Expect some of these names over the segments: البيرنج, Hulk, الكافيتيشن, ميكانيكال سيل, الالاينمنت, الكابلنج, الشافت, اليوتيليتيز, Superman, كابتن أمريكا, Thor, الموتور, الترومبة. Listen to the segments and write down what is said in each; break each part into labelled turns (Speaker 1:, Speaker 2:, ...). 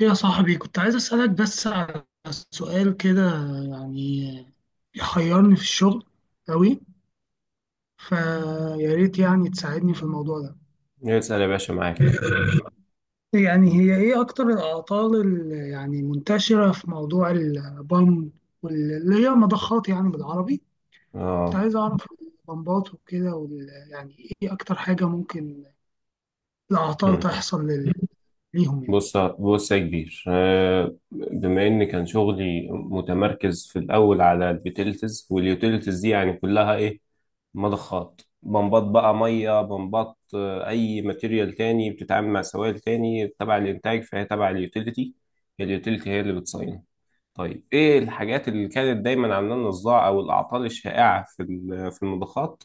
Speaker 1: يا صاحبي، كنت عايز أسألك بس على سؤال كده، يعني يحيرني في الشغل أوي. فيا ريت يعني تساعدني في الموضوع ده.
Speaker 2: اسأل يا باشا معاك.
Speaker 1: يعني هي إيه أكتر الأعطال اللي يعني منتشرة في موضوع البام؟ واللي هي مضخات يعني بالعربي. كنت
Speaker 2: اه.
Speaker 1: عايز أعرف البمبات وكده يعني إيه أكتر حاجة ممكن الأعطال
Speaker 2: مم.
Speaker 1: تحصل ليهم يعني.
Speaker 2: بص يا كبير، بما ان كان شغلي متمركز في الاول على اليوتيليتيز، واليوتيليتيز دي يعني كلها ايه، مضخات بمبات بقى، ميه بمبات. اي ماتيريال تاني بتتعامل مع سوائل تاني تبع الانتاج فهي تبع اليوتيليتي. اليوتيليتي هي اللي بتصين. طيب ايه الحاجات اللي كانت دايما عامله لنا صداع او الاعطال الشائعه في المضخات؟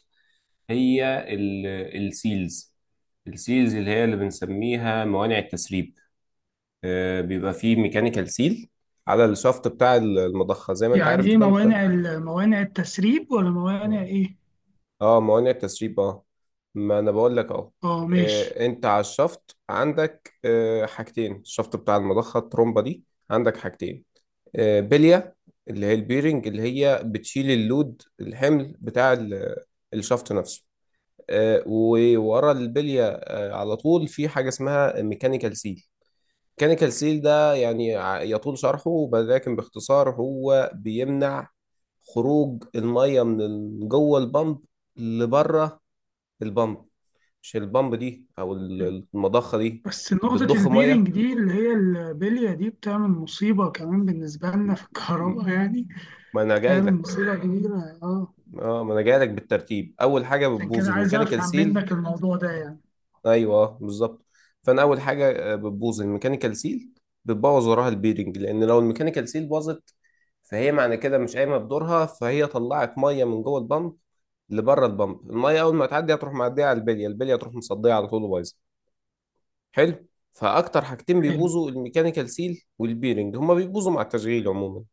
Speaker 2: هي السيلز. السيلز اللي هي اللي بنسميها موانع التسريب. بيبقى فيه ميكانيكال سيل على الشفط بتاع المضخة، زي ما انت
Speaker 1: يعني
Speaker 2: عارف
Speaker 1: إيه
Speaker 2: كده انت.
Speaker 1: موانع التسريب ولا موانع
Speaker 2: اه
Speaker 1: إيه؟
Speaker 2: اه، موانع التسريب. اه، ما انا بقول لك اهو.
Speaker 1: أه ماشي.
Speaker 2: انت على الشفط عندك حاجتين، الشفط بتاع المضخة، الترومبة دي عندك حاجتين. بلية، اللي هي البيرنج اللي هي بتشيل اللود، الحمل بتاع الشفط نفسه. وورا البلية على طول في حاجة اسمها ميكانيكال سيل. ميكانيكال سيل ده يعني يطول شرحه، ولكن باختصار هو بيمنع خروج المية من جوه البمب لبره البمب، مش البمب دي او المضخة دي
Speaker 1: بس نقطة
Speaker 2: بتضخ
Speaker 1: البيرنج
Speaker 2: مية.
Speaker 1: دي اللي هي البلية دي بتعمل مصيبة كمان بالنسبة لنا في
Speaker 2: م-
Speaker 1: الكهرباء يعني.
Speaker 2: ما انا جاي
Speaker 1: بتعمل
Speaker 2: لك.
Speaker 1: مصيبة كبيرة اه.
Speaker 2: اه، ما انا جاي لك بالترتيب، اول حاجة
Speaker 1: عشان
Speaker 2: بتبوظ
Speaker 1: كده عايز
Speaker 2: الميكانيكال
Speaker 1: أفهم
Speaker 2: سيل.
Speaker 1: منك الموضوع ده يعني.
Speaker 2: ايوه، بالظبط. فانا اول حاجه بتبوظ الميكانيكال سيل، بتبوظ وراها البيرنج، لان لو الميكانيكال سيل باظت فهي معنى كده مش قايمه بدورها، فهي طلعت ميه من جوه البامب لبره البامب. الميه اول ما تعدي هتروح معديه على البليه، البليه تروح مصديه على طول وبايظه. حلو. فاكتر حاجتين
Speaker 1: حلو.
Speaker 2: بيبوظوا الميكانيكال سيل والبيرنج، هما بيبوظوا مع التشغيل عموما،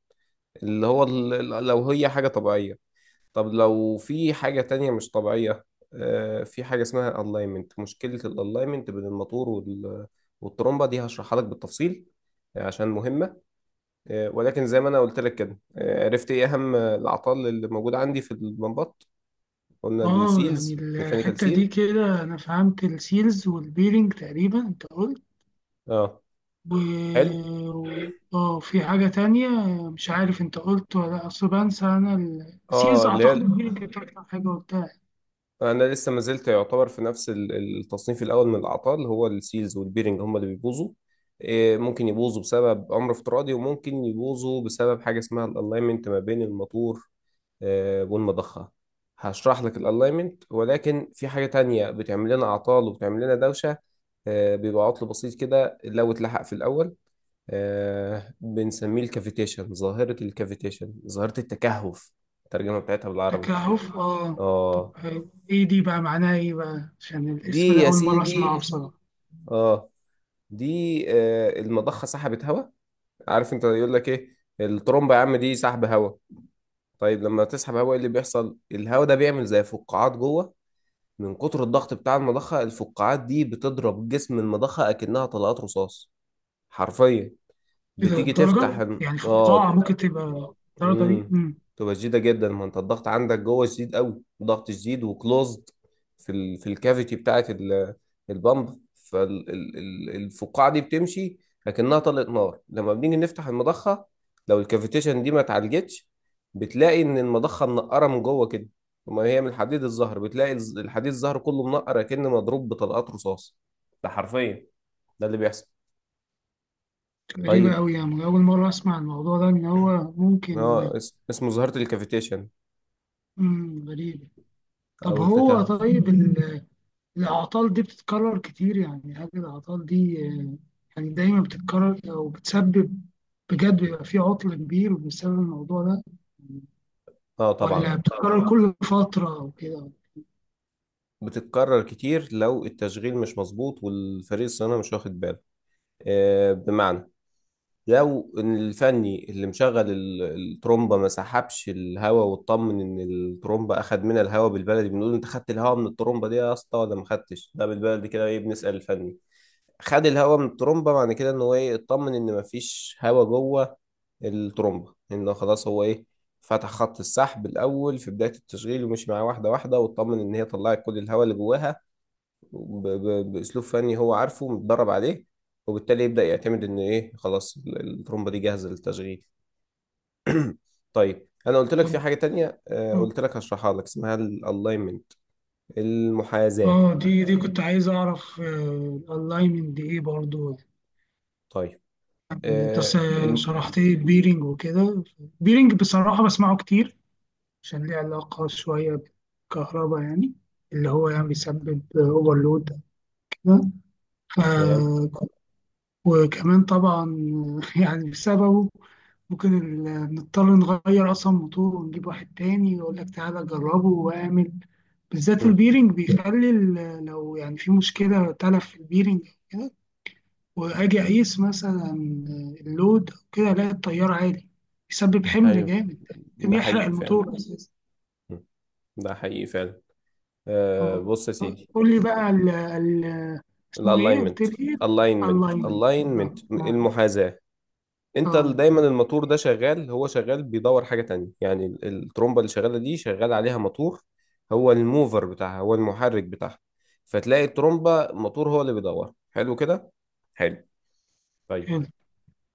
Speaker 2: اللي هو لو هي حاجه طبيعيه. طب لو في حاجة تانية مش طبيعية، في حاجة اسمها alignment، مشكلة الalignment بين الموتور والترمبة دي، هشرحها لك بالتفصيل عشان مهمة. ولكن زي ما أنا قلت لك كده، عرفت إيه أهم الأعطال اللي موجودة عندي في البمبات. قلنا
Speaker 1: اه يعني
Speaker 2: السيلز ميكانيكال
Speaker 1: الحتة دي
Speaker 2: سيل.
Speaker 1: كده أنا فهمت السيلز والبيرنج تقريبا أنت قلت.
Speaker 2: اه.
Speaker 1: و
Speaker 2: حلو.
Speaker 1: و- اه، في حاجة تانية. مش عارف أنت قلت ولا لأ، أصل بنسى أنا. السيلز
Speaker 2: اه، اللي
Speaker 1: أعتقد
Speaker 2: هي
Speaker 1: البيرنج كانت أكتر حاجة قلتها.
Speaker 2: انا لسه ما زلت يعتبر في نفس التصنيف الاول من الاعطال، هو السيلز والبيرنج هم اللي بيبوظوا. إيه، ممكن يبوظوا بسبب امر افتراضي، وممكن يبوظوا بسبب حاجه اسمها الالاينمنت ما بين الموتور والمضخه. هشرح لك الالاينمنت، ولكن في حاجه تانية بتعمل لنا اعطال وبتعمل لنا دوشه، بيبقى عطل بسيط كده لو اتلحق في الاول، بنسميه الكافيتيشن، ظاهره الكافيتيشن، ظاهره التكهف، الترجمه بتاعتها بالعربي.
Speaker 1: تكهف اه. طب
Speaker 2: اه
Speaker 1: ايه دي بقى معناها ايه بقى، عشان الاسم
Speaker 2: دي
Speaker 1: ده
Speaker 2: يا
Speaker 1: اول مره
Speaker 2: سيدي.
Speaker 1: اسمعه بصراحه.
Speaker 2: اه. دي المضخه سحبت هواء. عارف انت، يقول لك ايه الترومبه يا عم دي سحب هواء. طيب لما تسحب هواء ايه اللي بيحصل؟ الهواء ده بيعمل زي فقاعات جوه. من كتر الضغط بتاع المضخه، الفقاعات دي بتضرب جسم المضخه اكنها طلقات رصاص حرفيا.
Speaker 1: ايه ده
Speaker 2: بتيجي تفتح.
Speaker 1: الدرجه، يعني
Speaker 2: اه.
Speaker 1: فقاعه ممكن تبقى الدرجه دي
Speaker 2: امم تبقى شديده جدا، ما انت الضغط عندك جوه شديد قوي، ضغط شديد وكلوزد في ال... في الكافيتي بتاعه ال... البامب، فالفقاعه دي بتمشي لكنها طلقت نار. لما بنيجي نفتح المضخه، لو الكافيتيشن دي ما اتعالجتش، بتلاقي ان المضخه منقره من جوه كده، وما هي من الحديد الزهر، بتلاقي الحديد الزهر كله منقر كأنه مضروب بطلقات رصاص. ده حرفيا ده اللي بيحصل.
Speaker 1: غريبه
Speaker 2: طيب
Speaker 1: قوي؟ يعني اول مره اسمع الموضوع ده ان هو ممكن.
Speaker 2: اه، اسمه ظاهره الكافيتيشن
Speaker 1: غريبه. طب
Speaker 2: او
Speaker 1: هو
Speaker 2: التكهف.
Speaker 1: طيب الاعطال دي بتتكرر كتير؟ يعني هل الاعطال دي يعني دايما بتتكرر او بتسبب بجد، بيبقى في عطل كبير بسبب الموضوع ده،
Speaker 2: اه طبعا،
Speaker 1: ولا بتتكرر كل فتره او كده؟
Speaker 2: بتتكرر كتير لو التشغيل مش مظبوط والفريق الصيانه مش واخد باله، بمعنى لو إن الفني اللي مشغل الترومبه ما سحبش الهواء واطمن ان الترومبه اخد منها الهواء، بالبلدي بنقول انت خدت الهواء من الترومبه دي يا اسطى ولا ما خدتش، ده بالبلدي كده ايه، بنسال الفني. خد الهواء من الترومبه معنى كده ان هو ايه، اطمن ان ما فيش هواء جوه الترومبه، ان خلاص هو ايه، فتح خط السحب الاول في بدايه التشغيل ومشي معاه واحده واحده واطمن ان هي طلعت كل الهواء اللي جواها، باسلوب فني هو عارفه متدرب عليه، وبالتالي يبدا يعتمد ان ايه خلاص الترومبه دي جاهزه للتشغيل. طيب انا قلت لك في
Speaker 1: طب
Speaker 2: حاجه تانية،
Speaker 1: آه.
Speaker 2: قلت لك هشرحها لك، اسمها الالاينمنت، المحاذاه.
Speaker 1: اه، دي كنت عايز اعرف الالاينمنت دي ايه برضو.
Speaker 2: طيب.
Speaker 1: يعني
Speaker 2: آه، الم...
Speaker 1: شرحت لي البيرنج وكده. البيرنج بصراحة بسمعه كتير، عشان ليه علاقة شوية بالكهرباء يعني، اللي هو يعني بيسبب اوفرلود كده.
Speaker 2: تمام.
Speaker 1: ف- وكمان طبعا يعني بسببه ممكن نضطر نغير اصلا موتور ونجيب واحد تاني يقول لك تعالى جربه واعمل. بالذات
Speaker 2: مم.
Speaker 1: البيرنج بيخلي لو يعني في مشكلة تلف في البيرنج، واجي اقيس مثلا اللود أو كده، الاقي التيار عالي، بيسبب حمل
Speaker 2: ايوه
Speaker 1: جامد، ممكن
Speaker 2: ده
Speaker 1: يحرق
Speaker 2: حقيقي فعلا.
Speaker 1: الموتور اساسا
Speaker 2: مم. ده حقيقي فعلا.
Speaker 1: اه.
Speaker 2: بص يا سيدي.
Speaker 1: قول لي بقى ال ال اسمه ايه؟ قلت
Speaker 2: الالاينمنت.
Speaker 1: لي ايه؟
Speaker 2: الاينمنت
Speaker 1: الاينمنت
Speaker 2: الاينمنت
Speaker 1: بالظبط اه.
Speaker 2: المحاذاه. انت دايما
Speaker 1: محرك.
Speaker 2: الموتور ده شغال، هو شغال بيدور حاجة تانية، يعني الترومبة اللي شغالة دي شغال عليها موتور، هو الموفر بتاعها، هو المحرك بتاعها. فتلاقي الترومبة الموتور هو اللي بيدور، حلو كده؟ حلو. طيب
Speaker 1: حلو.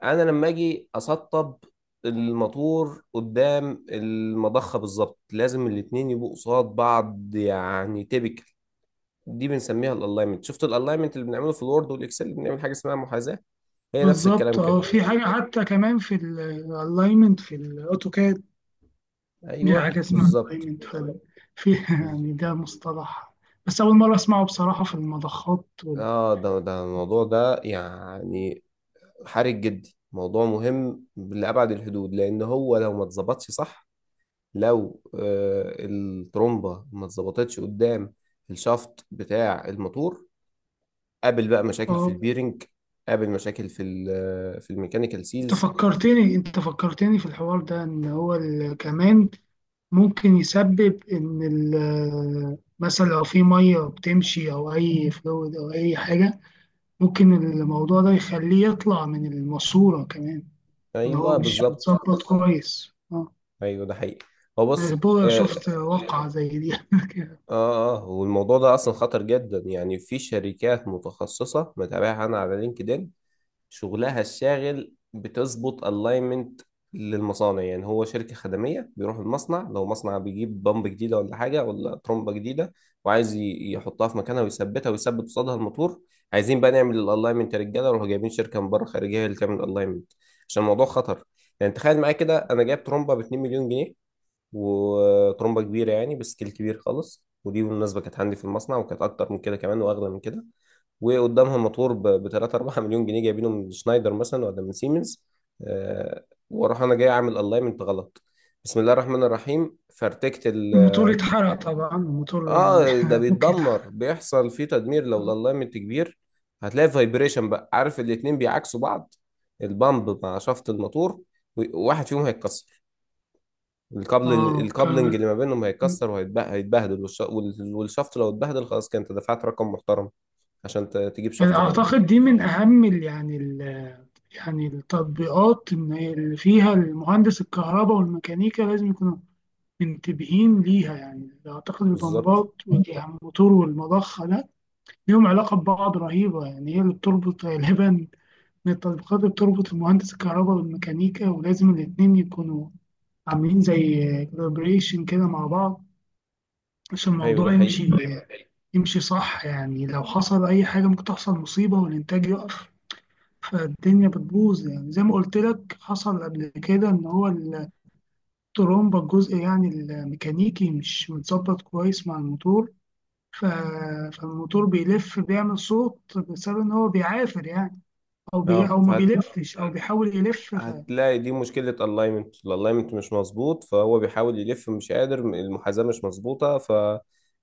Speaker 2: انا لما اجي اسطب الموتور قدام المضخة بالظبط، لازم الاتنين يبقوا قصاد بعض، يعني تيبيكال. دي بنسميها الالاينمنت. شفت الالاينمنت اللي بنعمله في الوورد والاكسل، بنعمل حاجة اسمها محاذاة، هي نفس
Speaker 1: بالظبط
Speaker 2: الكلام
Speaker 1: اه،
Speaker 2: كده.
Speaker 1: في حاجه حتى كمان في الالاينمنت في الاوتوكاد. دي
Speaker 2: ايوه
Speaker 1: حاجه اسمها
Speaker 2: بالظبط.
Speaker 1: الالاينمنت فعلا. في يعني ده مصطلح، بس اول مره اسمعه بصراحه في المضخات وال...
Speaker 2: اه، ده الموضوع ده يعني حرج جدا، موضوع مهم لأبعد الحدود، لأن هو لو ما اتظبطش صح، لو الترومبة ما اتظبطتش قدام الشافت بتاع الموتور، قابل بقى مشاكل في
Speaker 1: اه.
Speaker 2: البيرنج، قابل مشاكل في ال- آه، في الميكانيكال
Speaker 1: انت
Speaker 2: سيلز.
Speaker 1: فكرتني انت فكرتني في الحوار ده ان هو كمان ممكن يسبب ان مثلا لو في ميه بتمشي او اي فلويد او اي حاجه، ممكن الموضوع ده يخليه يطلع من الماسوره كمان، ان هو
Speaker 2: ايوه
Speaker 1: مش
Speaker 2: بالظبط.
Speaker 1: متظبط كويس اه.
Speaker 2: ايوه ده حقيقي. هو
Speaker 1: أنا
Speaker 2: بص
Speaker 1: بقى
Speaker 2: اه.
Speaker 1: شفت واقعه زي دي
Speaker 2: اه، والموضوع ده اصلا خطر جدا، يعني في شركات متخصصة متابعها انا على لينكدين، شغلها الشاغل بتظبط الاينمنت للمصانع. يعني هو شركة خدمية بيروح المصنع، لو مصنع بيجيب بمب جديدة ولا حاجة ولا ترمبة جديدة وعايز يحطها في مكانها ويثبتها ويثبت قصادها الموتور، عايزين بقى نعمل الالاينمنت، يا رجالة روحوا جايبين شركة من بره خارجية هي اللي تعمل الالاينمنت، عشان الموضوع خطر. يعني تخيل معايا كده، انا جايب ترمبة ب 2 مليون جنيه، وترمبة كبيرة يعني بسكيل كبير خالص، ودي بالمناسبة كانت عندي في المصنع وكانت أكتر من كده كمان وأغلى من كده، وقدامها موتور ب 3 4 مليون جنيه جايبينه من شنايدر مثلا ولا من سيمنز، آه، واروح انا جاي اعمل الاينمنت غلط، بسم الله الرحمن الرحيم فارتكت ال.
Speaker 1: الموتور اتحرق طبعا، الموتور يعني
Speaker 2: اه ده
Speaker 1: ممكن يتحرق
Speaker 2: بيتدمر، بيحصل فيه تدمير لو الالاينمنت كبير. هتلاقي فايبريشن بقى، عارف الاتنين بيعاكسوا بعض، البامب مع شافت الموتور، واحد فيهم هيتكسر، الكابل
Speaker 1: اه
Speaker 2: الكابلنج اللي
Speaker 1: كمان.
Speaker 2: ما بينهم هيتكسر وهيتبهدل، والشافت لو اتبهدل خلاص كده انت دفعت رقم محترم عشان تجيب
Speaker 1: يعني
Speaker 2: شافت تاني.
Speaker 1: اعتقد دي من اهم يعني التطبيقات إن هي اللي فيها المهندس الكهرباء والميكانيكا لازم يكونوا منتبهين ليها. يعني أعتقد
Speaker 2: بالظبط.
Speaker 1: البمبات والموتور والمضخة ده ليهم علاقة ببعض رهيبة. يعني هي اللي بتربط غالبا من التطبيقات اللي بتربط المهندس الكهرباء والميكانيكا، ولازم الاتنين يكونوا عاملين زي كولابريشن كده مع بعض عشان
Speaker 2: ايوه ده
Speaker 1: الموضوع
Speaker 2: حقيقي.
Speaker 1: يمشي صح. يعني لو حصل أي حاجة ممكن تحصل مصيبة والإنتاج يقف، فالدنيا بتبوظ. يعني زي ما قلت لك، حصل قبل كده ان هو الترومبا، الجزء يعني الميكانيكي، مش متظبط كويس مع الموتور، ف... فالموتور بيلف بيعمل صوت بسبب ان هو بيعافر يعني،
Speaker 2: اه
Speaker 1: او ما بيلفش او بيحاول يلف.
Speaker 2: هتلاقي دي مشكلة الاينمنت، الاينمنت مش مظبوط، فهو بيحاول يلف مش قادر، المحاذاة مش مظبوطة،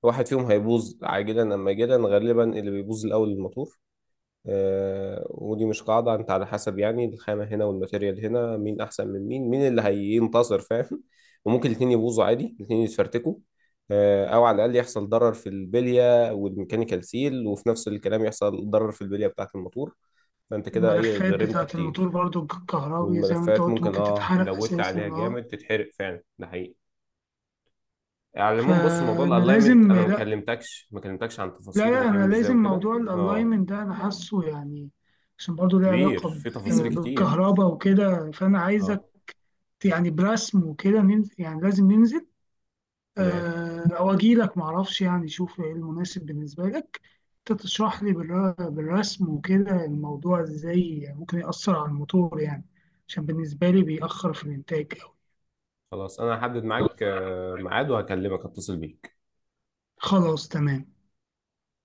Speaker 2: فواحد فيهم هيبوظ عاجلا ام اجلا، غالبا اللي بيبوظ الاول الموتور. ودي مش قاعدة، انت على حسب يعني الخامة هنا والماتيريال هنا، مين احسن من مين، مين اللي هينتصر، فاهم؟ وممكن الاتنين يبوظوا عادي، الاتنين يتفرتكوا، او على الاقل يحصل ضرر في البلية والميكانيكال سيل، وفي نفس الكلام يحصل ضرر في البلية بتاعة الموتور، فانت كده ايه
Speaker 1: فالملفات
Speaker 2: غرمت
Speaker 1: بتاعة الموتور
Speaker 2: كتير.
Speaker 1: برضو الكهربي، زي ما انت
Speaker 2: والملفات
Speaker 1: قلت
Speaker 2: ممكن،
Speaker 1: ممكن
Speaker 2: اه
Speaker 1: تتحرق
Speaker 2: لودت
Speaker 1: اساسا
Speaker 2: عليها
Speaker 1: اه.
Speaker 2: جامد تتحرق فعلا، ده حقيقي. على العموم بص، موضوع
Speaker 1: فانا
Speaker 2: الالاينمنت
Speaker 1: لازم،
Speaker 2: انا ما
Speaker 1: لا
Speaker 2: كلمتكش ما كلمتكش عن
Speaker 1: لا
Speaker 2: تفاصيله
Speaker 1: لا،
Speaker 2: بيتعمل
Speaker 1: انا
Speaker 2: ازاي
Speaker 1: لازم
Speaker 2: وكده،
Speaker 1: موضوع
Speaker 2: اه
Speaker 1: الالاينمنت ده انا حاسه يعني، عشان برضه ليه
Speaker 2: كبير
Speaker 1: علاقه
Speaker 2: في تفاصيل كتير.
Speaker 1: بالكهرباء وكده، فانا
Speaker 2: اه
Speaker 1: عايزك يعني برسم وكده ننزل، يعني لازم ننزل،
Speaker 2: تمام.
Speaker 1: او اجي لك معرفش، يعني شوف ايه المناسب بالنسبه لك. انت تشرح لي بالرسم وكده الموضوع ازاي ممكن يأثر على الموتور، يعني عشان بالنسبه لي بيأخر في الانتاج أوي.
Speaker 2: خلاص انا هحدد معاك ميعاد وهكلمك، اتصل بيك
Speaker 1: خلاص تمام.